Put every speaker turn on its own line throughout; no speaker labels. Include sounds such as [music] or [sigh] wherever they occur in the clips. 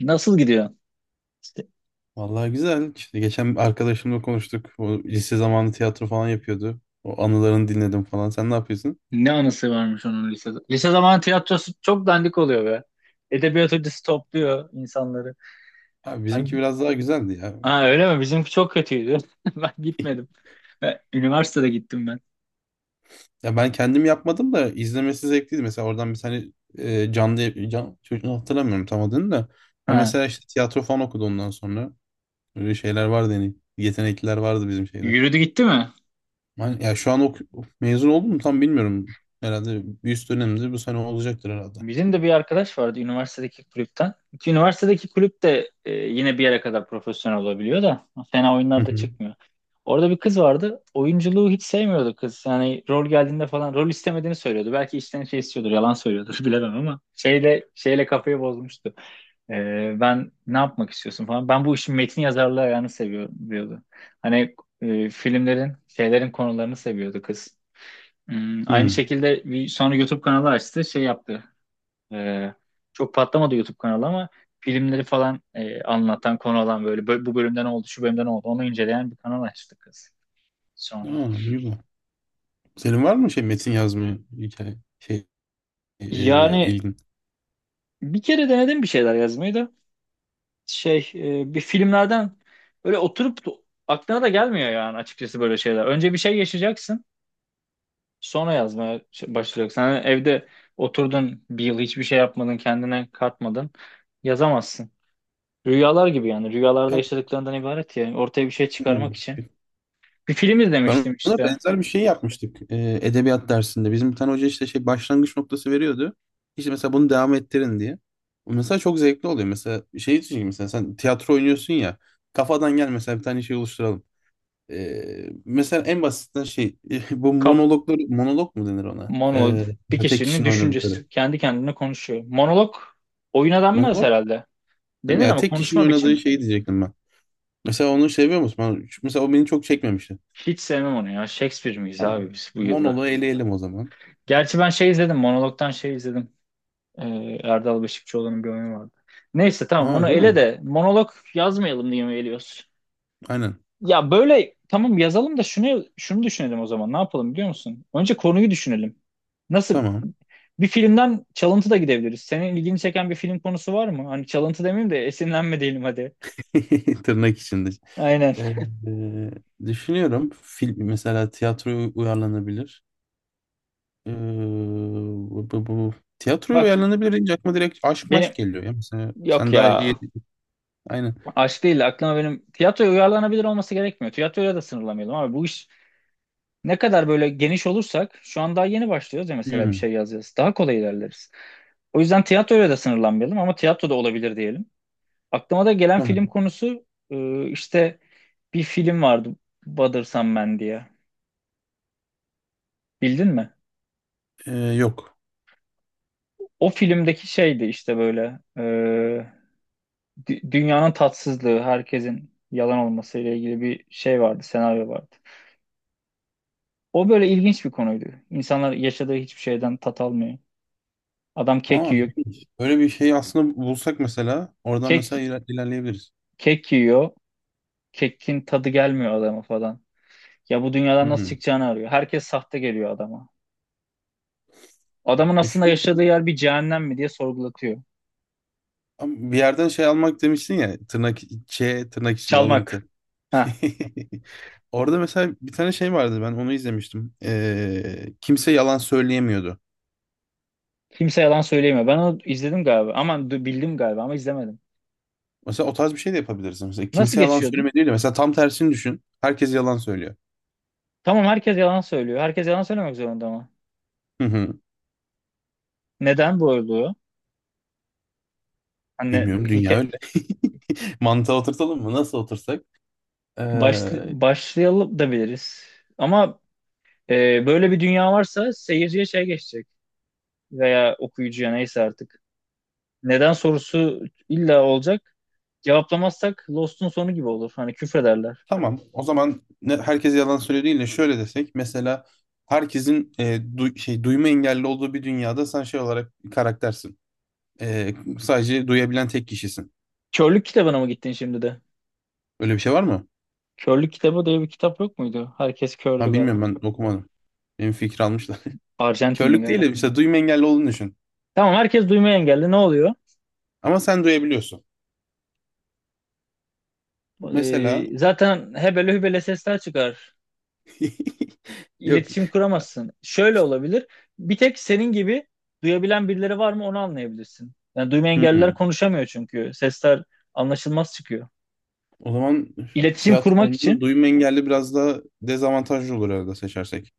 Nasıl gidiyor? İşte
Vallahi güzel. İşte geçen bir arkadaşımla konuştuk. O lise zamanı tiyatro falan yapıyordu. O anılarını dinledim falan. Sen ne yapıyorsun?
ne anısı varmış onun lisede. Lise zamanı tiyatrosu çok dandik oluyor be. Edebiyat hocası topluyor insanları.
Abi bizimki
Ben...
biraz daha güzeldi ya.
Ha, öyle mi? Bizimki çok kötüydü. [laughs] Ben gitmedim. Üniversitede gittim ben.
Ya ben kendim yapmadım da izlemesi zevkliydi. Mesela oradan bir tane canlı can, çocuğunu hatırlamıyorum tam adını da. O
Ha.
mesela işte tiyatro falan okudu ondan sonra. Öyle şeyler vardı yani. Yetenekliler vardı bizim şeyde.
Yürüdü gitti mi?
Ya şu an mezun oldum mu tam bilmiyorum. Herhalde bir üst dönemde bu sene olacaktır herhalde.
Bizim de bir arkadaş vardı üniversitedeki kulüpten. Ki üniversitedeki kulüp de yine bir yere kadar profesyonel olabiliyor da fena
Hı
oyunlarda
hı.
çıkmıyor. Orada bir kız vardı. Oyunculuğu hiç sevmiyordu kız. Yani rol geldiğinde falan rol istemediğini söylüyordu. Belki içten şey istiyordur, yalan söylüyordur [laughs] bilemem ama şeyle kafayı bozmuştu. E, ben ne yapmak istiyorsun falan. Ben bu işin metin yazarlığı ayağını seviyorum diyordu. Hani filmlerin, şeylerin konularını seviyordu kız. Aynı
Hı.
şekilde bir sonra YouTube kanalı açtı, şey yaptı. Ee, Çok patlamadı YouTube kanalı ama filmleri falan anlatan, konu alan böyle bu bölümden oldu, şu bölümden oldu. Onu inceleyen bir kanal açtık kız sonra.
Aa, iyi bak. Senin var mı şey metin yazmaya hikaye
Yani
ilgin?
bir kere denedim bir şeyler yazmayı da. Bir filmlerden böyle oturup aklına da gelmiyor yani açıkçası böyle şeyler. Önce bir şey yaşayacaksın, sonra yazmaya başlayacaksın. Hani evde oturdun bir yıl hiçbir şey yapmadın, kendine katmadın. Yazamazsın. Rüyalar gibi yani. Rüyalarda
Ya,
yaşadıklarından ibaret ya. Yani ortaya bir şey
hmm,
çıkarmak için bir film
ben
izlemiştim
ona
işte.
benzer bir şey yapmıştık, edebiyat dersinde. Bizim bir tane hoca işte şey başlangıç noktası veriyordu. İşte mesela bunu devam ettirin diye. Mesela çok zevkli oluyor. Mesela şey için mesela sen tiyatro oynuyorsun ya, kafadan gel mesela bir tane şey oluşturalım. Mesela en basitinden şey [laughs] bu
Kaf
monologları monolog mu denir ona?
Monolog bir
Mesela tek
kişinin
kişinin
düşüncesi.
oynadıkları.
Kendi kendine konuşuyor. Monolog oyuna denmez
Monolog
herhalde.
değil mi?
Denir
Yani
ama
tek kişinin
konuşma
oynadığı
biçimi.
şeyi diyecektim ben. Mesela onu seviyor musun? Mesela o beni çok çekmemişti.
Hiç sevmem onu ya. Shakespeare miyiz
Tamam.
abi biz bu yılda?
Monolu eleyelim o zaman.
Gerçi ben şey izledim. Monolog'dan şey izledim. Erdal Beşikçioğlu'nun bir oyunu vardı. Neyse tamam, onu
Aa, değil
ele
mi?
de monolog yazmayalım diye mi eliyoruz?
Aynen.
Ya böyle tamam yazalım da şunu şunu düşünelim o zaman. Ne yapalım biliyor musun? Önce konuyu düşünelim. Nasıl
Tamam.
Bir filmden çalıntı da gidebiliriz. Senin ilgini çeken bir film konusu var mı? Hani çalıntı demeyeyim de esinlenme diyelim hadi.
[laughs] Tırnak içinde.
Aynen.
Ee, düşünüyorum. Film mesela tiyatroya uyarlanabilir. Ee, bu, bu, bu- tiyatroya
Bak,
uyarlanabilir deyince aklıma direkt aşk maşk
benim
geliyor ya. Mesela
yok
sen daha iyi.
ya,
Aynen.
aşk değil de aklıma, benim tiyatroya uyarlanabilir olması gerekmiyor. Tiyatroya da sınırlamayalım abi, bu iş ne kadar böyle geniş olursak, şu an daha yeni başlıyoruz ya, mesela bir
Hmm,
şey yazacağız. Daha kolay ilerleriz. O yüzden tiyatroya da sınırlanmayalım ama tiyatro da olabilir diyelim. Aklıma da gelen
tamam.
film konusu, işte bir film vardı, Bothersome Man diye. Bildin mi?
Yok.
O filmdeki şeydi işte böyle, dünyanın tatsızlığı, herkesin yalan olması ile ilgili bir şey vardı, senaryo vardı. O böyle ilginç bir konuydu. İnsanlar yaşadığı hiçbir şeyden tat almıyor. Adam kek
Aa,
yiyor,
ilginç. Böyle bir şey aslında bulsak mesela oradan
kek
mesela ilerleyebiliriz.
kek yiyor, kekin tadı gelmiyor adama falan. Ya bu
Hı
dünyadan nasıl
hı.
çıkacağını arıyor. Herkes sahte geliyor adama. Adamın aslında yaşadığı yer bir cehennem mi diye sorgulatıyor.
Ama bir yerden şey almak demiştin ya, tırnak Ç tırnak için
Çalmak.
alıntı.
Ha,
[laughs] Orada mesela bir tane şey vardı, ben onu izlemiştim. Kimse yalan söyleyemiyordu.
kimse yalan söyleyemiyor. Ben onu izledim galiba. Aman, bildim galiba ama izlemedim.
Mesela o tarz bir şey de yapabiliriz. Mesela
Nasıl
kimse yalan
geçiyordu?
söyleme değil de mesela tam tersini düşün. Herkes yalan söylüyor.
Tamam, herkes yalan söylüyor. Herkes yalan söylemek zorunda ama.
Hı hı.
Neden bu olduğu? Hani
Bilmiyorum, dünya
hikaye,
öyle. [laughs] Mantığa oturtalım mı? Nasıl otursak? Ee,
başlayalım da biliriz. Ama böyle bir dünya varsa seyirciye şey geçecek. Veya okuyucuya, neyse artık. Neden sorusu illa olacak. Cevaplamazsak Lost'un sonu gibi olur. Hani küfrederler.
tamam. O zaman ne, herkes yalan söylüyor değil de şöyle desek. Mesela herkesin şey duyma engelli olduğu bir dünyada sen şey olarak bir karaktersin. Sadece duyabilen tek kişisin.
Körlük kitabına mı gittin şimdi de?
Öyle bir şey var mı?
Körlük kitabı diye bir kitap yok muydu? Herkes kördü
Ha, bilmiyorum,
galiba.
ben okumadım. Benim fikri almışlar. [laughs]
Arjantinli
Körlük değil
galiba.
de işte duyma engelli olduğunu düşün.
Tamam, herkes duymaya engelli. Ne oluyor?
Ama sen duyabiliyorsun. Mesela
Zaten hebele hübele sesler çıkar,
[laughs]
iletişim
yok.
kuramazsın. Şöyle olabilir. Bir tek senin gibi duyabilen birileri var mı, onu anlayabilirsin. Yani duyma engelliler
Hmm.
konuşamıyor çünkü. Sesler anlaşılmaz çıkıyor.
O zaman
İletişim
tiyatro
kurmak
oyununda
için
duyma engelli biraz daha dezavantajlı olur herhalde seçersek.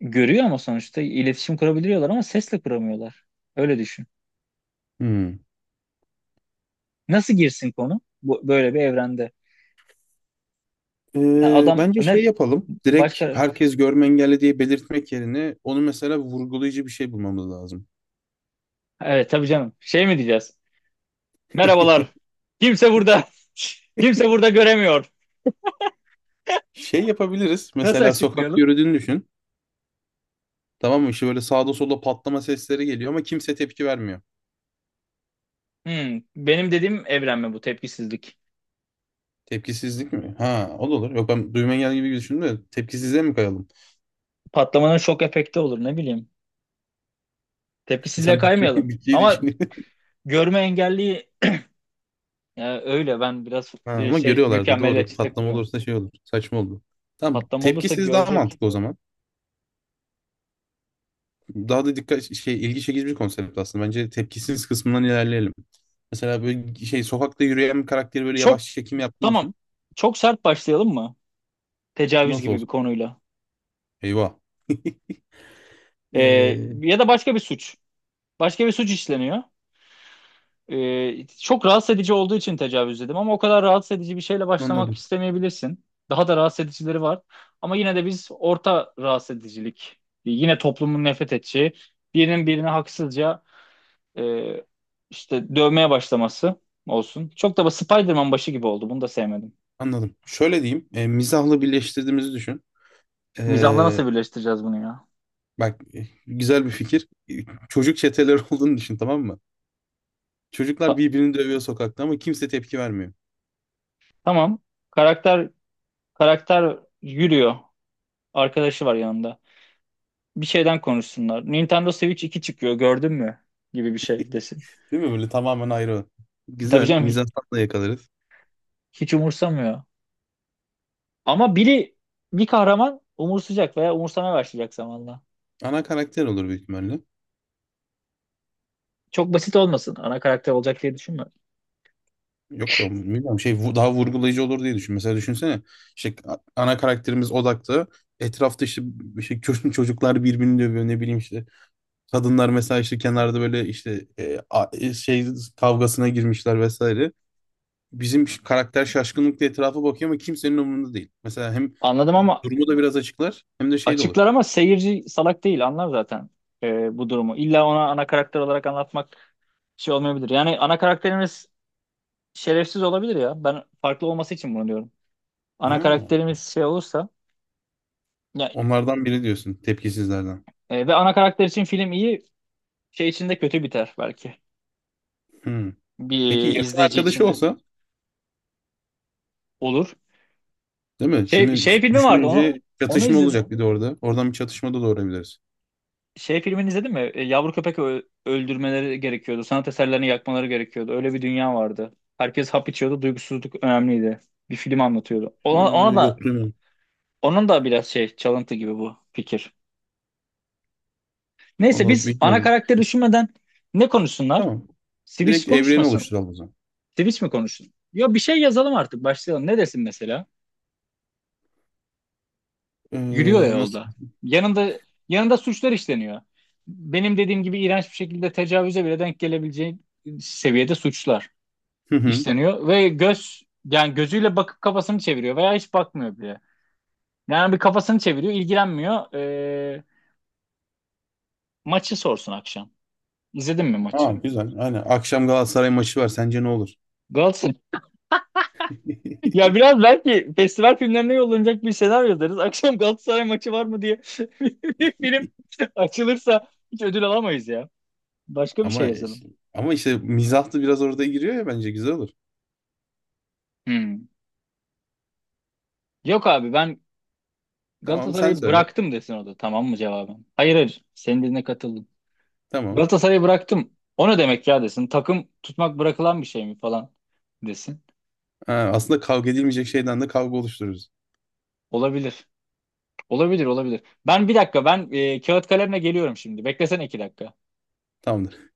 görüyor ama sonuçta iletişim kurabiliyorlar, ama sesle kuramıyorlar. Öyle düşün.
Hmm.
Nasıl girsin konu bu, böyle bir evrende? Ne adam
Bence şey
ne
yapalım. Direkt
başka
herkes görme engelli diye belirtmek yerine onu mesela vurgulayıcı bir şey bulmamız lazım.
Evet tabii canım. Şey mi diyeceğiz? Merhabalar.
[laughs]
Kimse burada. [laughs] Kimse burada göremiyor.
Şey yapabiliriz.
Nasıl
Mesela sokak
açıklayalım?
yürüdüğünü düşün. Tamam mı? İşte böyle sağda solda patlama sesleri geliyor ama kimse tepki vermiyor.
Benim dediğim evren mi bu, tepkisizlik?
Tepkisizlik mi? Ha, o da olur. Yok, ben duyma engel gibi düşündüm de tepkisizliğe mi kayalım?
Patlamanın şok efekti olur, ne bileyim.
[laughs]
Tepkisizliğe
İnsan bütçeyi,
kaymayalım.
bütçeyi
Ama
düşünüyor. [laughs]
görme engelliği, ya öyle, ben biraz
Ha, ama görüyorlardı, doğru.
mükemmeliyetçi
Patlama
takılıyorum.
olursa şey olur. Saçma oldu. Tamam,
Patlama olursa
tepkisiz daha
görecek.
mantıklı o zaman. Daha da dikkat şey ilgi çekici bir konsept aslında. Bence tepkisiz kısmından ilerleyelim. Mesela böyle şey sokakta yürüyen bir karakteri böyle
Çok
yavaş çekim yaptığını
tamam.
düşün.
Çok sert başlayalım mı? Tecavüz
Nasıl
gibi bir
olsun?
konuyla.
Eyvah.
Ee,
Ee,
Ya da başka bir suç. Başka bir suç işleniyor. Çok rahatsız edici olduğu için tecavüz dedim ama o kadar rahatsız edici bir şeyle başlamak
anladım.
istemeyebilirsin. Daha da rahatsız edicileri var. Ama yine de biz orta rahatsız edicilik, yine toplumun nefret edeceği, birinin birine haksızca e, işte dövmeye başlaması olsun. Çok da Spider-Man başı gibi oldu. Bunu da sevmedim.
Anladım. Şöyle diyeyim. E, mizahla birleştirdiğimizi düşün.
Mizahla
Ee,
nasıl birleştireceğiz bunu ya?
bak, güzel bir fikir. Çocuk çeteler [laughs] olduğunu düşün, tamam mı? Çocuklar
Ta-
birbirini dövüyor sokakta ama kimse tepki vermiyor.
tamam. Karakter karakter yürüyor. Arkadaşı var yanında. Bir şeyden konuşsunlar. Nintendo Switch 2 çıkıyor, gördün mü? Gibi bir şey desin.
Değil mi? Böyle tamamen ayrı.
Tabii
Güzel.
canım,
Mizanstan yakalarız.
hiç umursamıyor. Ama biri, bir kahraman umursayacak veya umursamaya başlayacak zamanla.
Ana karakter olur büyük ihtimalle.
Çok basit olmasın. Ana karakter olacak diye düşünme.
Yok da bilmiyorum şey daha vurgulayıcı olur diye düşün. Mesela düşünsene işte ana karakterimiz odakta. Etrafta işte [laughs] bir şey çocuklar birbirini dövüyor ne bileyim işte. Kadınlar mesela işte kenarda böyle işte şey kavgasına girmişler vesaire. Bizim karakter şaşkınlıkla etrafa bakıyor ama kimsenin umurunda değil. Mesela hem
Anladım ama
durumu da biraz açıklar hem de şey de olur.
açıklar, ama seyirci salak değil, anlar zaten bu durumu. İlla ona ana karakter olarak anlatmak şey olmayabilir. Yani ana karakterimiz şerefsiz olabilir ya. Ben farklı olması için bunu diyorum. Ana
Ha,
karakterimiz şey olursa ya,
onlardan biri diyorsun, tepkisizlerden.
ve ana karakter için film iyi, şey için de kötü biter belki.
Hmm. Peki
Bir
yakın
izleyici için
arkadaşı
de
olsa,
olur.
değil mi?
Şey
Şimdi
şey filmi vardı, onu
düşününce
onu
çatışma
izledim.
olacak bir de orada. Oradan bir çatışma da doğurabiliriz.
Şey filmini izledin mi? Yavru köpek öldürmeleri gerekiyordu. Sanat eserlerini yakmaları gerekiyordu. Öyle bir dünya vardı. Herkes hap içiyordu. Duygusuzluk önemliydi. Bir film anlatıyordu. Ona,
Ee,
ona
yok,
da
duymadım.
onun da biraz şey, çalıntı gibi bu fikir. Neyse,
Vallahi
biz ana
bilmiyordum.
karakteri düşünmeden ne konuşsunlar?
Tamam.
Switch
Direkt evreni
konuşmasın.
oluşturalım o zaman.
Switch mi konuşsun? Ya bir şey yazalım artık, başlayalım. Ne desin mesela? Yürüyor ya
Nasıl?
yolda. Yanında yanında suçlar işleniyor. Benim dediğim gibi iğrenç bir şekilde tecavüze bile denk gelebileceği seviyede suçlar
Hı hı.
işleniyor ve yani gözüyle bakıp kafasını çeviriyor veya hiç bakmıyor bile. Yani bir kafasını çeviriyor, ilgilenmiyor. Maçı sorsun akşam. İzledin mi
Aa,
maçı?
güzel. Aynen. Akşam Galatasaray maçı var. Sence ne olur?
Galatasaray. [laughs]
[laughs]
Ya biraz belki festival filmlerine yollanacak bir senaryo deriz. Akşam Galatasaray maçı var mı diye [laughs] bir film açılırsa hiç ödül alamayız ya. Başka bir şey
Ama
yazalım.
ama işte mizah da biraz orada giriyor ya, bence güzel olur.
Hmm. Yok abi, ben
Tamam, sen
Galatasaray'ı
söyle.
bıraktım desin, o da tamam mı cevabım? Hayır, hayır, senin dediğine katıldım.
Tamam.
Galatasaray'ı bıraktım. O ne demek ya desin. Takım tutmak bırakılan bir şey mi falan desin.
Ha, aslında kavga edilmeyecek şeyden de kavga oluştururuz.
Olabilir. Olabilir, olabilir. Ben bir dakika, kağıt kalemle geliyorum şimdi. Beklesene 2 dakika.
Tamamdır.